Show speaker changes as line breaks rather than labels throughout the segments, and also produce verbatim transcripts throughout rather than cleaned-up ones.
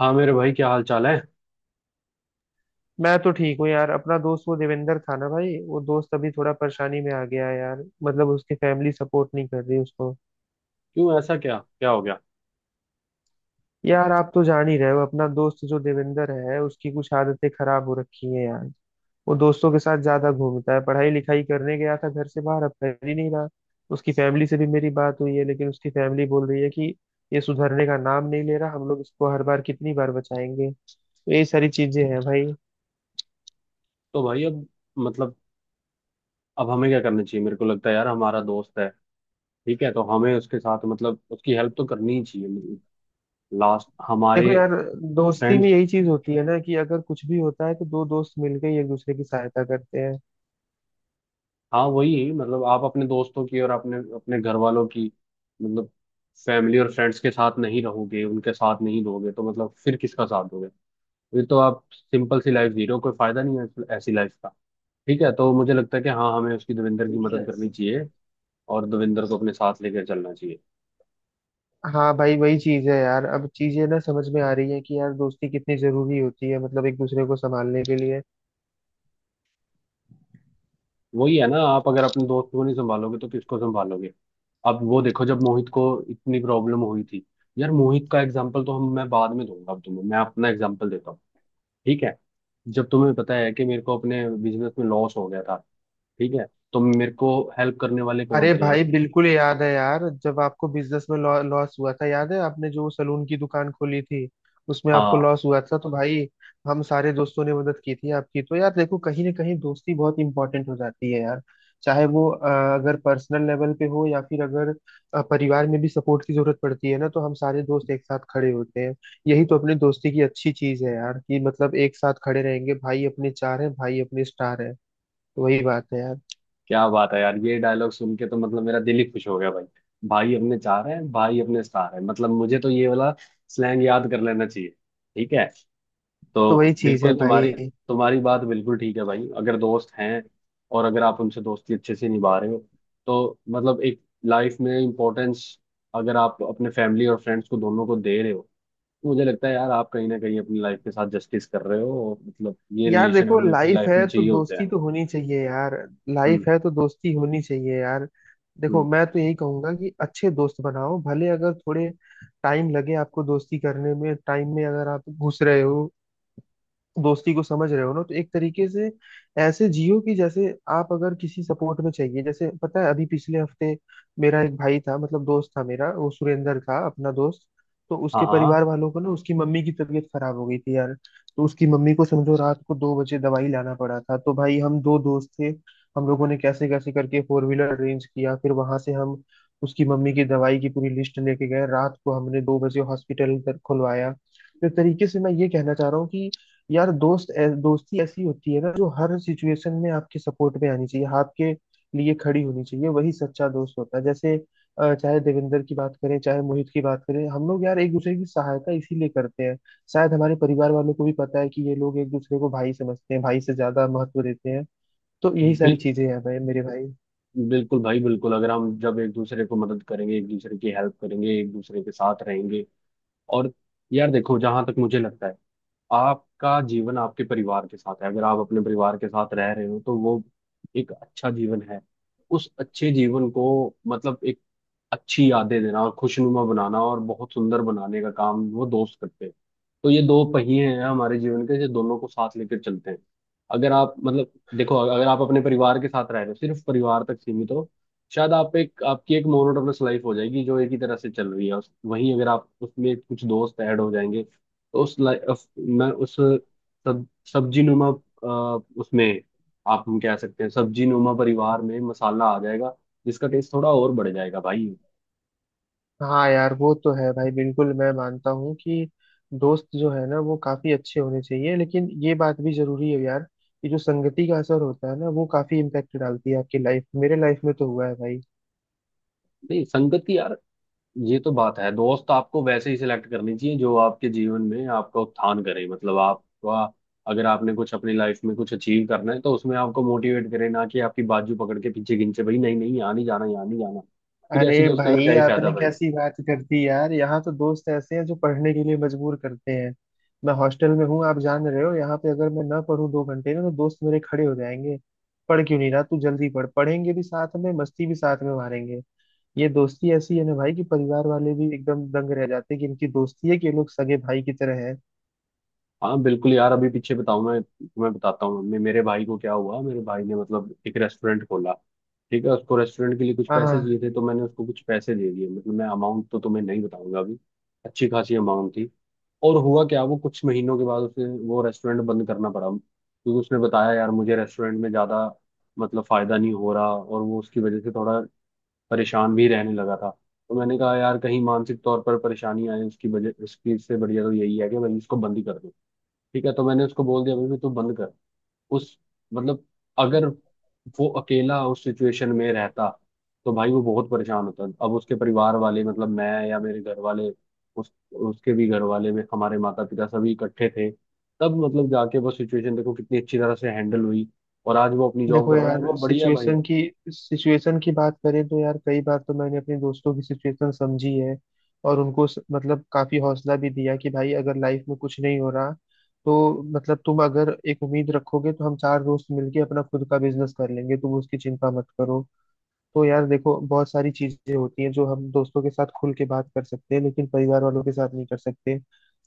हाँ मेरे भाई, क्या हाल चाल है?
मैं तो ठीक हूँ यार। अपना दोस्त वो देवेंद्र था ना भाई, वो दोस्त अभी थोड़ा परेशानी में आ गया है यार। मतलब उसकी फैमिली सपोर्ट नहीं कर रही उसको।
क्यों? ऐसा क्या क्या हो गया?
यार आप तो जान ही रहे हो, अपना दोस्त जो देवेंद्र है उसकी कुछ आदतें खराब हो रखी हैं यार। वो दोस्तों के साथ ज्यादा घूमता है, पढ़ाई लिखाई करने गया था घर से बाहर, अब कर ही नहीं रहा। उसकी फैमिली से भी मेरी बात हुई है, लेकिन उसकी फैमिली बोल रही है कि ये सुधरने का नाम नहीं ले रहा, हम लोग इसको हर बार कितनी बार बचाएंगे। तो ये सारी चीजें हैं भाई।
तो भाई अब, मतलब, अब हमें क्या करना चाहिए? मेरे को लगता है यार, हमारा दोस्त है। ठीक है, तो हमें उसके साथ, मतलब, उसकी हेल्प तो करनी ही चाहिए। मतलब लास्ट
देखो
हमारे
यार, दोस्ती में
फ्रेंड्स।
यही चीज होती है ना कि अगर कुछ भी होता है तो दो दोस्त मिलकर ही एक दूसरे की सहायता करते हैं।
हाँ, वही मतलब, आप अपने दोस्तों की और अपने अपने घर वालों की, मतलब, फैमिली और फ्रेंड्स के साथ नहीं रहोगे, उनके साथ नहीं दोगे, तो मतलब फिर किसका साथ दोगे? फिर तो आप सिंपल सी लाइफ जी रहे हो, कोई फायदा नहीं है ऐसी लाइफ का। ठीक है, तो मुझे लगता है कि हाँ, हमें उसकी, देवेंद्र की मदद
सीरियस।
करनी चाहिए और दविंदर को अपने साथ लेकर चलना चाहिए।
हाँ भाई, वही चीज है यार। अब चीजें ना समझ में आ रही है कि यार दोस्ती कितनी जरूरी होती है, मतलब एक दूसरे को संभालने के लिए।
वही है ना, आप अगर अपने दोस्त को नहीं संभालोगे तो किसको संभालोगे? अब वो देखो, जब मोहित को इतनी प्रॉब्लम हुई थी, यार मोहित का एग्जाम्पल तो हम मैं बाद में दूंगा। अब तुम्हें मैं अपना एग्जाम्पल देता हूँ। ठीक है, जब तुम्हें पता है कि मेरे को अपने बिजनेस में लॉस हो गया था। ठीक है, तो मेरे को हेल्प करने वाले कौन
अरे
थे यार?
भाई बिल्कुल याद है यार, जब आपको बिजनेस में लॉ, लॉस हुआ था। याद है आपने जो सलून की दुकान खोली थी, उसमें आपको
हाँ।
लॉस हुआ था, तो भाई हम सारे दोस्तों ने मदद की थी आपकी। तो यार देखो, कहीं ना कहीं दोस्ती बहुत इंपॉर्टेंट हो जाती है यार। चाहे वो अ, अगर पर्सनल लेवल पे हो, या फिर अगर अ, परिवार में भी सपोर्ट की जरूरत पड़ती है ना, तो हम सारे दोस्त एक साथ खड़े होते हैं। यही तो अपनी दोस्ती की अच्छी चीज है यार, कि मतलब एक साथ खड़े रहेंगे। भाई अपने चार है, भाई अपने स्टार है। तो वही बात है यार।
क्या बात है यार! ये डायलॉग सुन के तो मतलब मेरा दिल ही खुश हो गया भाई। भाई अपने चार है, भाई अपने स्टार है, मतलब मुझे तो ये वाला स्लैंग याद कर लेना चाहिए। ठीक है,
तो
तो
वही चीज है
बिल्कुल तुम्हारी
भाई।
तुम्हारी बात बिल्कुल ठीक है भाई। अगर दोस्त हैं और अगर आप उनसे दोस्ती अच्छे से निभा रहे हो, तो मतलब एक लाइफ में इम्पोर्टेंस अगर आप अपने फैमिली और फ्रेंड्स को दोनों को दे रहे हो, तो मुझे लगता है यार, आप कहीं ना कहीं अपनी लाइफ के साथ जस्टिस कर रहे हो, और मतलब ये
यार
रिलेशन
देखो,
हमें अपनी
लाइफ
लाइफ
है
में
तो
चाहिए होते हैं।
दोस्ती तो होनी चाहिए यार।
हम्म।
लाइफ है तो दोस्ती होनी चाहिए यार। देखो
हम्म।
मैं तो यही कहूंगा कि अच्छे दोस्त बनाओ, भले अगर थोड़े टाइम लगे आपको दोस्ती करने में। टाइम में अगर आप घुस रहे हो, दोस्ती को समझ रहे हो ना, तो एक तरीके से ऐसे जियो कि जैसे आप अगर किसी सपोर्ट में चाहिए। जैसे पता है अभी पिछले हफ्ते मेरा एक भाई था, मतलब दोस्त था मेरा, वो सुरेंद्र था अपना दोस्त। तो
हाँ।
उसके परिवार
हाँ।
वालों को ना, उसकी मम्मी की तबीयत खराब हो गई थी यार। तो उसकी मम्मी को समझो रात को दो बजे दवाई लाना पड़ा था, तो भाई हम दो दोस्त थे। हम लोगों ने कैसे कैसे करके फोर व्हीलर अरेंज किया, फिर वहां से हम उसकी मम्मी की दवाई की पूरी लिस्ट लेके गए, रात को हमने दो बजे हॉस्पिटल खुलवाया। तो एक तरीके से मैं ये कहना चाह रहा हूँ कि यार दोस्त ऐ- दोस्ती ऐसी होती है ना, जो हर सिचुएशन में आपके सपोर्ट में आनी चाहिए, आपके लिए खड़ी होनी चाहिए, वही सच्चा दोस्त होता है। जैसे अ, चाहे देवेंद्र की बात करें, चाहे मोहित की बात करें, हम लोग यार एक दूसरे की सहायता इसीलिए करते हैं। शायद हमारे परिवार वालों को भी पता है कि ये लोग एक दूसरे को भाई समझते हैं, भाई से ज्यादा महत्व देते हैं। तो यही सारी
बिल
चीजें हैं भाई मेरे भाई।
बिल्कुल भाई, बिल्कुल। अगर हम जब एक दूसरे को मदद करेंगे, एक दूसरे की हेल्प करेंगे, एक दूसरे के साथ रहेंगे, और यार देखो, जहां तक मुझे लगता है, आपका जीवन आपके परिवार के साथ है। अगर आप अपने परिवार के साथ रह रहे हो तो वो एक अच्छा जीवन है। उस अच्छे जीवन को, मतलब, एक अच्छी यादें देना और खुशनुमा बनाना और बहुत सुंदर बनाने का काम वो दोस्त करते हैं। तो ये दो पहिए हैं हमारे जीवन के, जो दोनों को साथ लेकर चलते हैं। अगर आप मतलब, देखो, अगर आप अपने परिवार के साथ रह रहे हो, सिर्फ परिवार तक सीमित हो, शायद आप एक, आपकी एक मोनोटोनस लाइफ हो जाएगी जो एक ही तरह से चल रही है। उस- वहीं अगर आप उसमें कुछ दोस्त ऐड हो जाएंगे तो उस लाइफ मैं उस सब सब्जी नुमा, उसमें, आप, हम कह सकते हैं सब्जी नुमा परिवार में मसाला आ जाएगा, जिसका टेस्ट थोड़ा और बढ़ जाएगा भाई।
हाँ यार वो तो है भाई, बिल्कुल मैं मानता हूँ कि दोस्त जो है ना वो काफी अच्छे होने चाहिए, लेकिन ये बात भी जरूरी है यार कि जो संगति का असर होता है ना, वो काफी इम्पैक्ट डालती है आपकी लाइफ। मेरे लाइफ में तो हुआ है भाई।
नहीं संगति यार, ये तो बात है, दोस्त आपको वैसे ही सिलेक्ट करनी चाहिए जो आपके जीवन में आपका उत्थान करे, मतलब आपका, अगर आपने कुछ अपनी लाइफ में कुछ अचीव करना है तो उसमें आपको मोटिवेट करे, ना कि आपकी बाजू पकड़ के पीछे खींचे भाई, नहीं नहीं, यहाँ नहीं जाना, यहाँ नहीं जाना। फिर
अरे
ऐसी दोस्ती का क्या
भाई
ही फायदा
आपने
भाई?
कैसी बात कर दी यार, यहाँ तो दोस्त ऐसे हैं जो पढ़ने के लिए मजबूर करते हैं। मैं हॉस्टल में हूँ आप जान रहे हो, यहाँ पे अगर मैं ना पढूं दो घंटे ना, तो दोस्त मेरे खड़े हो जाएंगे, पढ़ क्यों नहीं रहा तू, जल्दी पढ़। पढ़ेंगे भी साथ में, मस्ती भी साथ में मारेंगे। ये दोस्ती ऐसी है ना भाई कि परिवार वाले भी एकदम दंग रह जाते हैं कि इनकी दोस्ती है कि ये लोग सगे भाई की तरह है।
हाँ बिल्कुल यार, अभी पीछे बताऊँ, मैं तुम्हें बताता हूँ, मैं मेरे भाई को क्या हुआ, मेरे भाई ने मतलब एक रेस्टोरेंट खोला। ठीक है, उसको रेस्टोरेंट के लिए कुछ
हाँ
पैसे चाहिए
हाँ।
थे, तो मैंने उसको कुछ पैसे दे दिए। मतलब मैं अमाउंट तो तुम्हें नहीं बताऊंगा अभी, अच्छी खासी अमाउंट थी। और हुआ क्या, वो कुछ महीनों के बाद उसे वो रेस्टोरेंट बंद करना पड़ा, क्योंकि उसने बताया यार मुझे रेस्टोरेंट में ज़्यादा, मतलब, फ़ायदा नहीं हो रहा, और वो उसकी वजह से थोड़ा परेशान भी रहने लगा था। तो मैंने कहा यार, कहीं मानसिक तौर पर परेशानी आए उसकी वजह, उसकी इससे बढ़िया तो यही है कि भाई इसको बंद ही कर दो। ठीक है, तो मैंने उसको बोल दिया भाई, तू बंद कर। उस मतलब, अगर वो अकेला उस सिचुएशन में रहता तो भाई वो बहुत परेशान होता। अब उसके परिवार वाले मतलब, मैं या मेरे घर वाले, उस उसके भी घर वाले में हमारे माता पिता सभी इकट्ठे थे। तब मतलब जाके वो सिचुएशन देखो कितनी अच्छी तरह से हैंडल हुई। और आज वो अपनी जॉब
देखो
कर रहा है,
यार
वो बढ़िया है भाई।
सिचुएशन की सिचुएशन की बात करें, तो यार कई बार तो मैंने अपने दोस्तों की सिचुएशन समझी है, और उनको स- मतलब काफी हौसला भी दिया कि भाई अगर लाइफ में कुछ नहीं हो रहा, तो मतलब तुम अगर एक उम्मीद रखोगे तो हम चार दोस्त मिलके अपना खुद का बिजनेस कर लेंगे, तुम उसकी चिंता मत करो। तो यार देखो बहुत सारी चीजें होती हैं जो हम दोस्तों के साथ खुल के बात कर सकते हैं, लेकिन परिवार वालों के साथ नहीं कर सकते।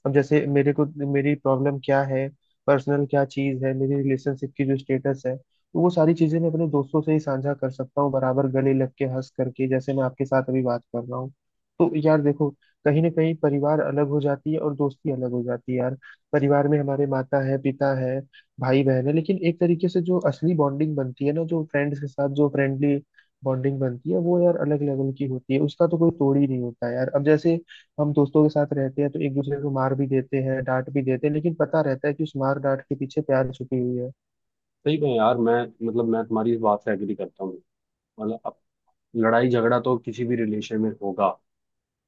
अब जैसे मेरे को, मेरी प्रॉब्लम क्या है, पर्सनल क्या चीज है, मेरी रिलेशनशिप की जो स्टेटस है, तो वो सारी चीजें मैं अपने दोस्तों से ही साझा कर सकता हूँ, बराबर गले लग के हंस करके जैसे मैं आपके साथ अभी बात कर रहा हूँ। तो यार देखो, कहीं ना कहीं परिवार अलग हो जाती है और दोस्ती अलग हो जाती है यार। परिवार में हमारे माता है, पिता है, भाई बहन है, लेकिन एक तरीके से जो असली बॉन्डिंग बनती है ना, जो फ्रेंड्स के साथ जो फ्रेंडली बॉन्डिंग बनती है, वो यार अलग लेवल की होती है, उसका तो कोई तोड़ ही नहीं होता यार। अब जैसे हम दोस्तों के साथ रहते हैं तो एक दूसरे को मार भी देते हैं, डांट भी देते हैं, लेकिन पता रहता है कि उस मार डांट के पीछे प्यार छुपी हुई है।
सही में यार, मैं, मतलब मैं तुम्हारी इस बात से एग्री करता हूँ। मतलब अब लड़ाई झगड़ा तो किसी भी रिलेशन में होगा,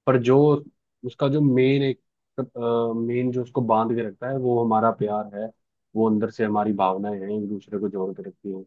पर जो उसका जो मेन एक, मेन जो उसको बांध के रखता है वो हमारा प्यार है। वो अंदर से हमारी भावनाएं हैं, एक दूसरे को जोड़ के रखती हैं।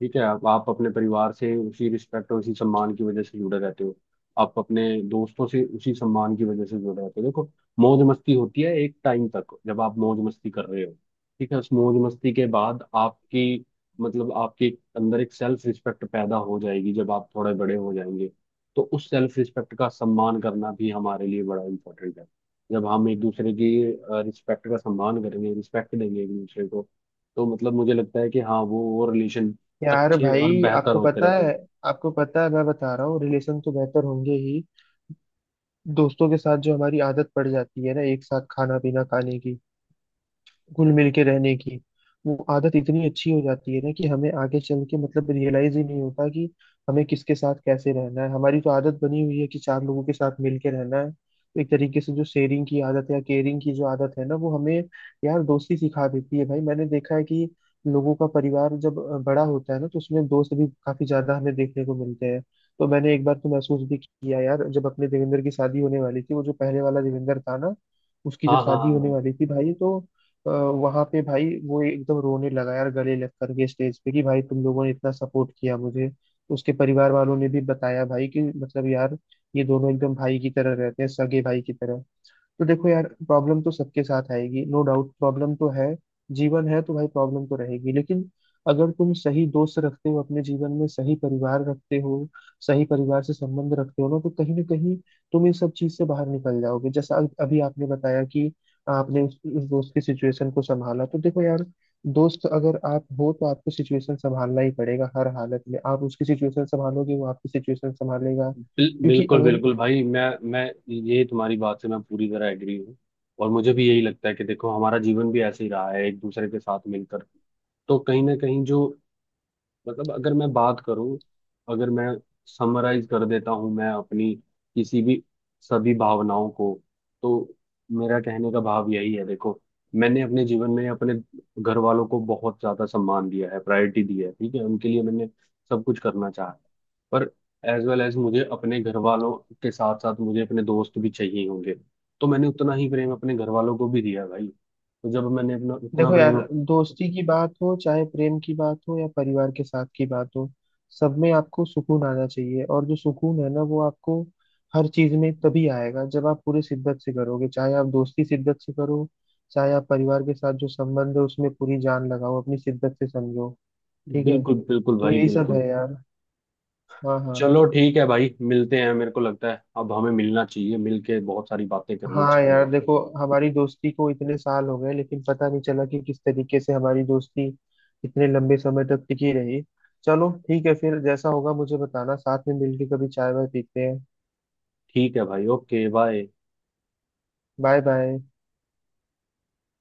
ठीक है, आप, आप अपने परिवार से उसी रिस्पेक्ट और उसी सम्मान की वजह से जुड़े रहते हो। आप अपने दोस्तों से उसी सम्मान की वजह से जुड़े रहते हो। देखो, मौज मस्ती होती है एक टाइम तक जब आप मौज मस्ती कर रहे हो। ठीक है, उस मौज मस्ती के बाद आपकी, मतलब आपके अंदर एक सेल्फ रिस्पेक्ट पैदा हो जाएगी जब आप थोड़े बड़े हो जाएंगे। तो उस सेल्फ रिस्पेक्ट का सम्मान करना भी हमारे लिए बड़ा इम्पोर्टेंट है। जब हम एक दूसरे की रिस्पेक्ट का सम्मान करेंगे, रिस्पेक्ट देंगे एक दूसरे को, तो मतलब मुझे लगता है कि हाँ, वो वो रिलेशन
यार
अच्छे और
भाई
बेहतर
आपको
होते
पता
रहते हैं।
है आपको पता है मैं बता रहा हूँ, रिलेशन तो बेहतर होंगे ही। दोस्तों के साथ जो हमारी आदत पड़ जाती है ना, एक साथ खाना पीना खाने की, घुल मिल के रहने की, वो आदत इतनी अच्छी हो जाती है ना कि हमें आगे चल के मतलब रियलाइज ही नहीं होता कि हमें किसके साथ कैसे रहना है। हमारी तो आदत बनी हुई है कि चार लोगों के साथ मिल के रहना है, तो एक तरीके से जो शेयरिंग की आदत या केयरिंग की जो आदत है ना, वो हमें यार दोस्ती सिखा देती है भाई। मैंने देखा है कि लोगों का परिवार जब अ, बड़ा होता है ना, तो उसमें दोस्त भी काफी ज्यादा हमें देखने को मिलते हैं। तो मैंने एक बार तो महसूस भी किया यार, जब अपने देवेंद्र की शादी होने वाली थी, वो जो पहले वाला देवेंद्र था ना, उसकी जब
हाँ हाँ हाँ
शादी होने
हाँ।
वाली थी भाई, तो वहां पे भाई वो एकदम रोने लगा यार, गले लग करके स्टेज पे, कि भाई तुम लोगों ने इतना सपोर्ट किया मुझे। उसके परिवार वालों ने भी बताया भाई कि मतलब यार ये दोनों एकदम भाई की तरह रहते हैं, सगे भाई की तरह। तो देखो यार प्रॉब्लम तो सबके साथ आएगी, नो डाउट, प्रॉब्लम तो है। जीवन है तो भाई प्रॉब्लम तो रहेगी, लेकिन अगर तुम सही दोस्त रखते हो अपने जीवन में, सही परिवार रखते हो, सही परिवार से संबंध रखते हो ना, तो कहीं ना कहीं तुम इन सब चीज से बाहर निकल जाओगे। जैसा अभी अभी आपने बताया कि आपने उस, उस दोस्त की सिचुएशन को संभाला, तो देखो यार, दोस्त अगर आप हो तो आपको सिचुएशन संभालना ही पड़ेगा। हर हालत में आप उसकी सिचुएशन संभालोगे, वो आपकी सिचुएशन संभालेगा।
बिल,
क्योंकि
बिल्कुल
अगर,
बिल्कुल भाई, मैं मैं ये तुम्हारी बात से मैं पूरी तरह एग्री हूँ। और मुझे भी यही लगता है कि देखो, हमारा जीवन भी ऐसे ही रहा है एक दूसरे के साथ मिलकर। तो कहीं ना कहीं जो, मतलब, अगर मैं बात करूं, अगर मैं समराइज कर देता हूं मैं अपनी किसी भी सभी भावनाओं को, तो मेरा कहने का भाव यही है। देखो, मैंने अपने जीवन में अपने घर वालों को बहुत ज्यादा सम्मान दिया है, प्रायोरिटी दी है। ठीक है, उनके लिए मैंने सब कुछ करना चाहा, पर एज वेल एज, मुझे अपने घर वालों के साथ साथ मुझे अपने दोस्त भी चाहिए होंगे। तो मैंने उतना ही प्रेम अपने घर वालों को भी दिया भाई। तो जब मैंने अपना उतना
देखो यार
प्रेम,
दोस्ती की बात हो, चाहे प्रेम की बात हो, या परिवार के साथ की बात हो, सब में आपको सुकून आना चाहिए। और जो सुकून है ना वो आपको हर चीज में तभी आएगा जब आप पूरे शिद्दत से करोगे। चाहे आप दोस्ती शिद्दत से करो, चाहे आप परिवार के साथ जो संबंध है उसमें पूरी जान लगाओ अपनी शिद्दत से, समझो। ठीक है।
बिल्कुल बिल्कुल
तो
भाई
यही सब
बिल्कुल।
है यार। हाँ हाँ।
चलो ठीक है भाई, मिलते हैं। मेरे को लगता है अब हमें मिलना चाहिए, मिलके बहुत सारी बातें करनी
हाँ
चाहिए।
यार देखो हमारी दोस्ती को इतने साल हो गए, लेकिन पता नहीं चला कि किस तरीके से हमारी दोस्ती इतने लंबे समय तक टिकी रही। चलो ठीक है फिर, जैसा होगा मुझे बताना, साथ में मिलके कभी चाय वाय पीते हैं।
ठीक है भाई, ओके, बाय।
Bye bye.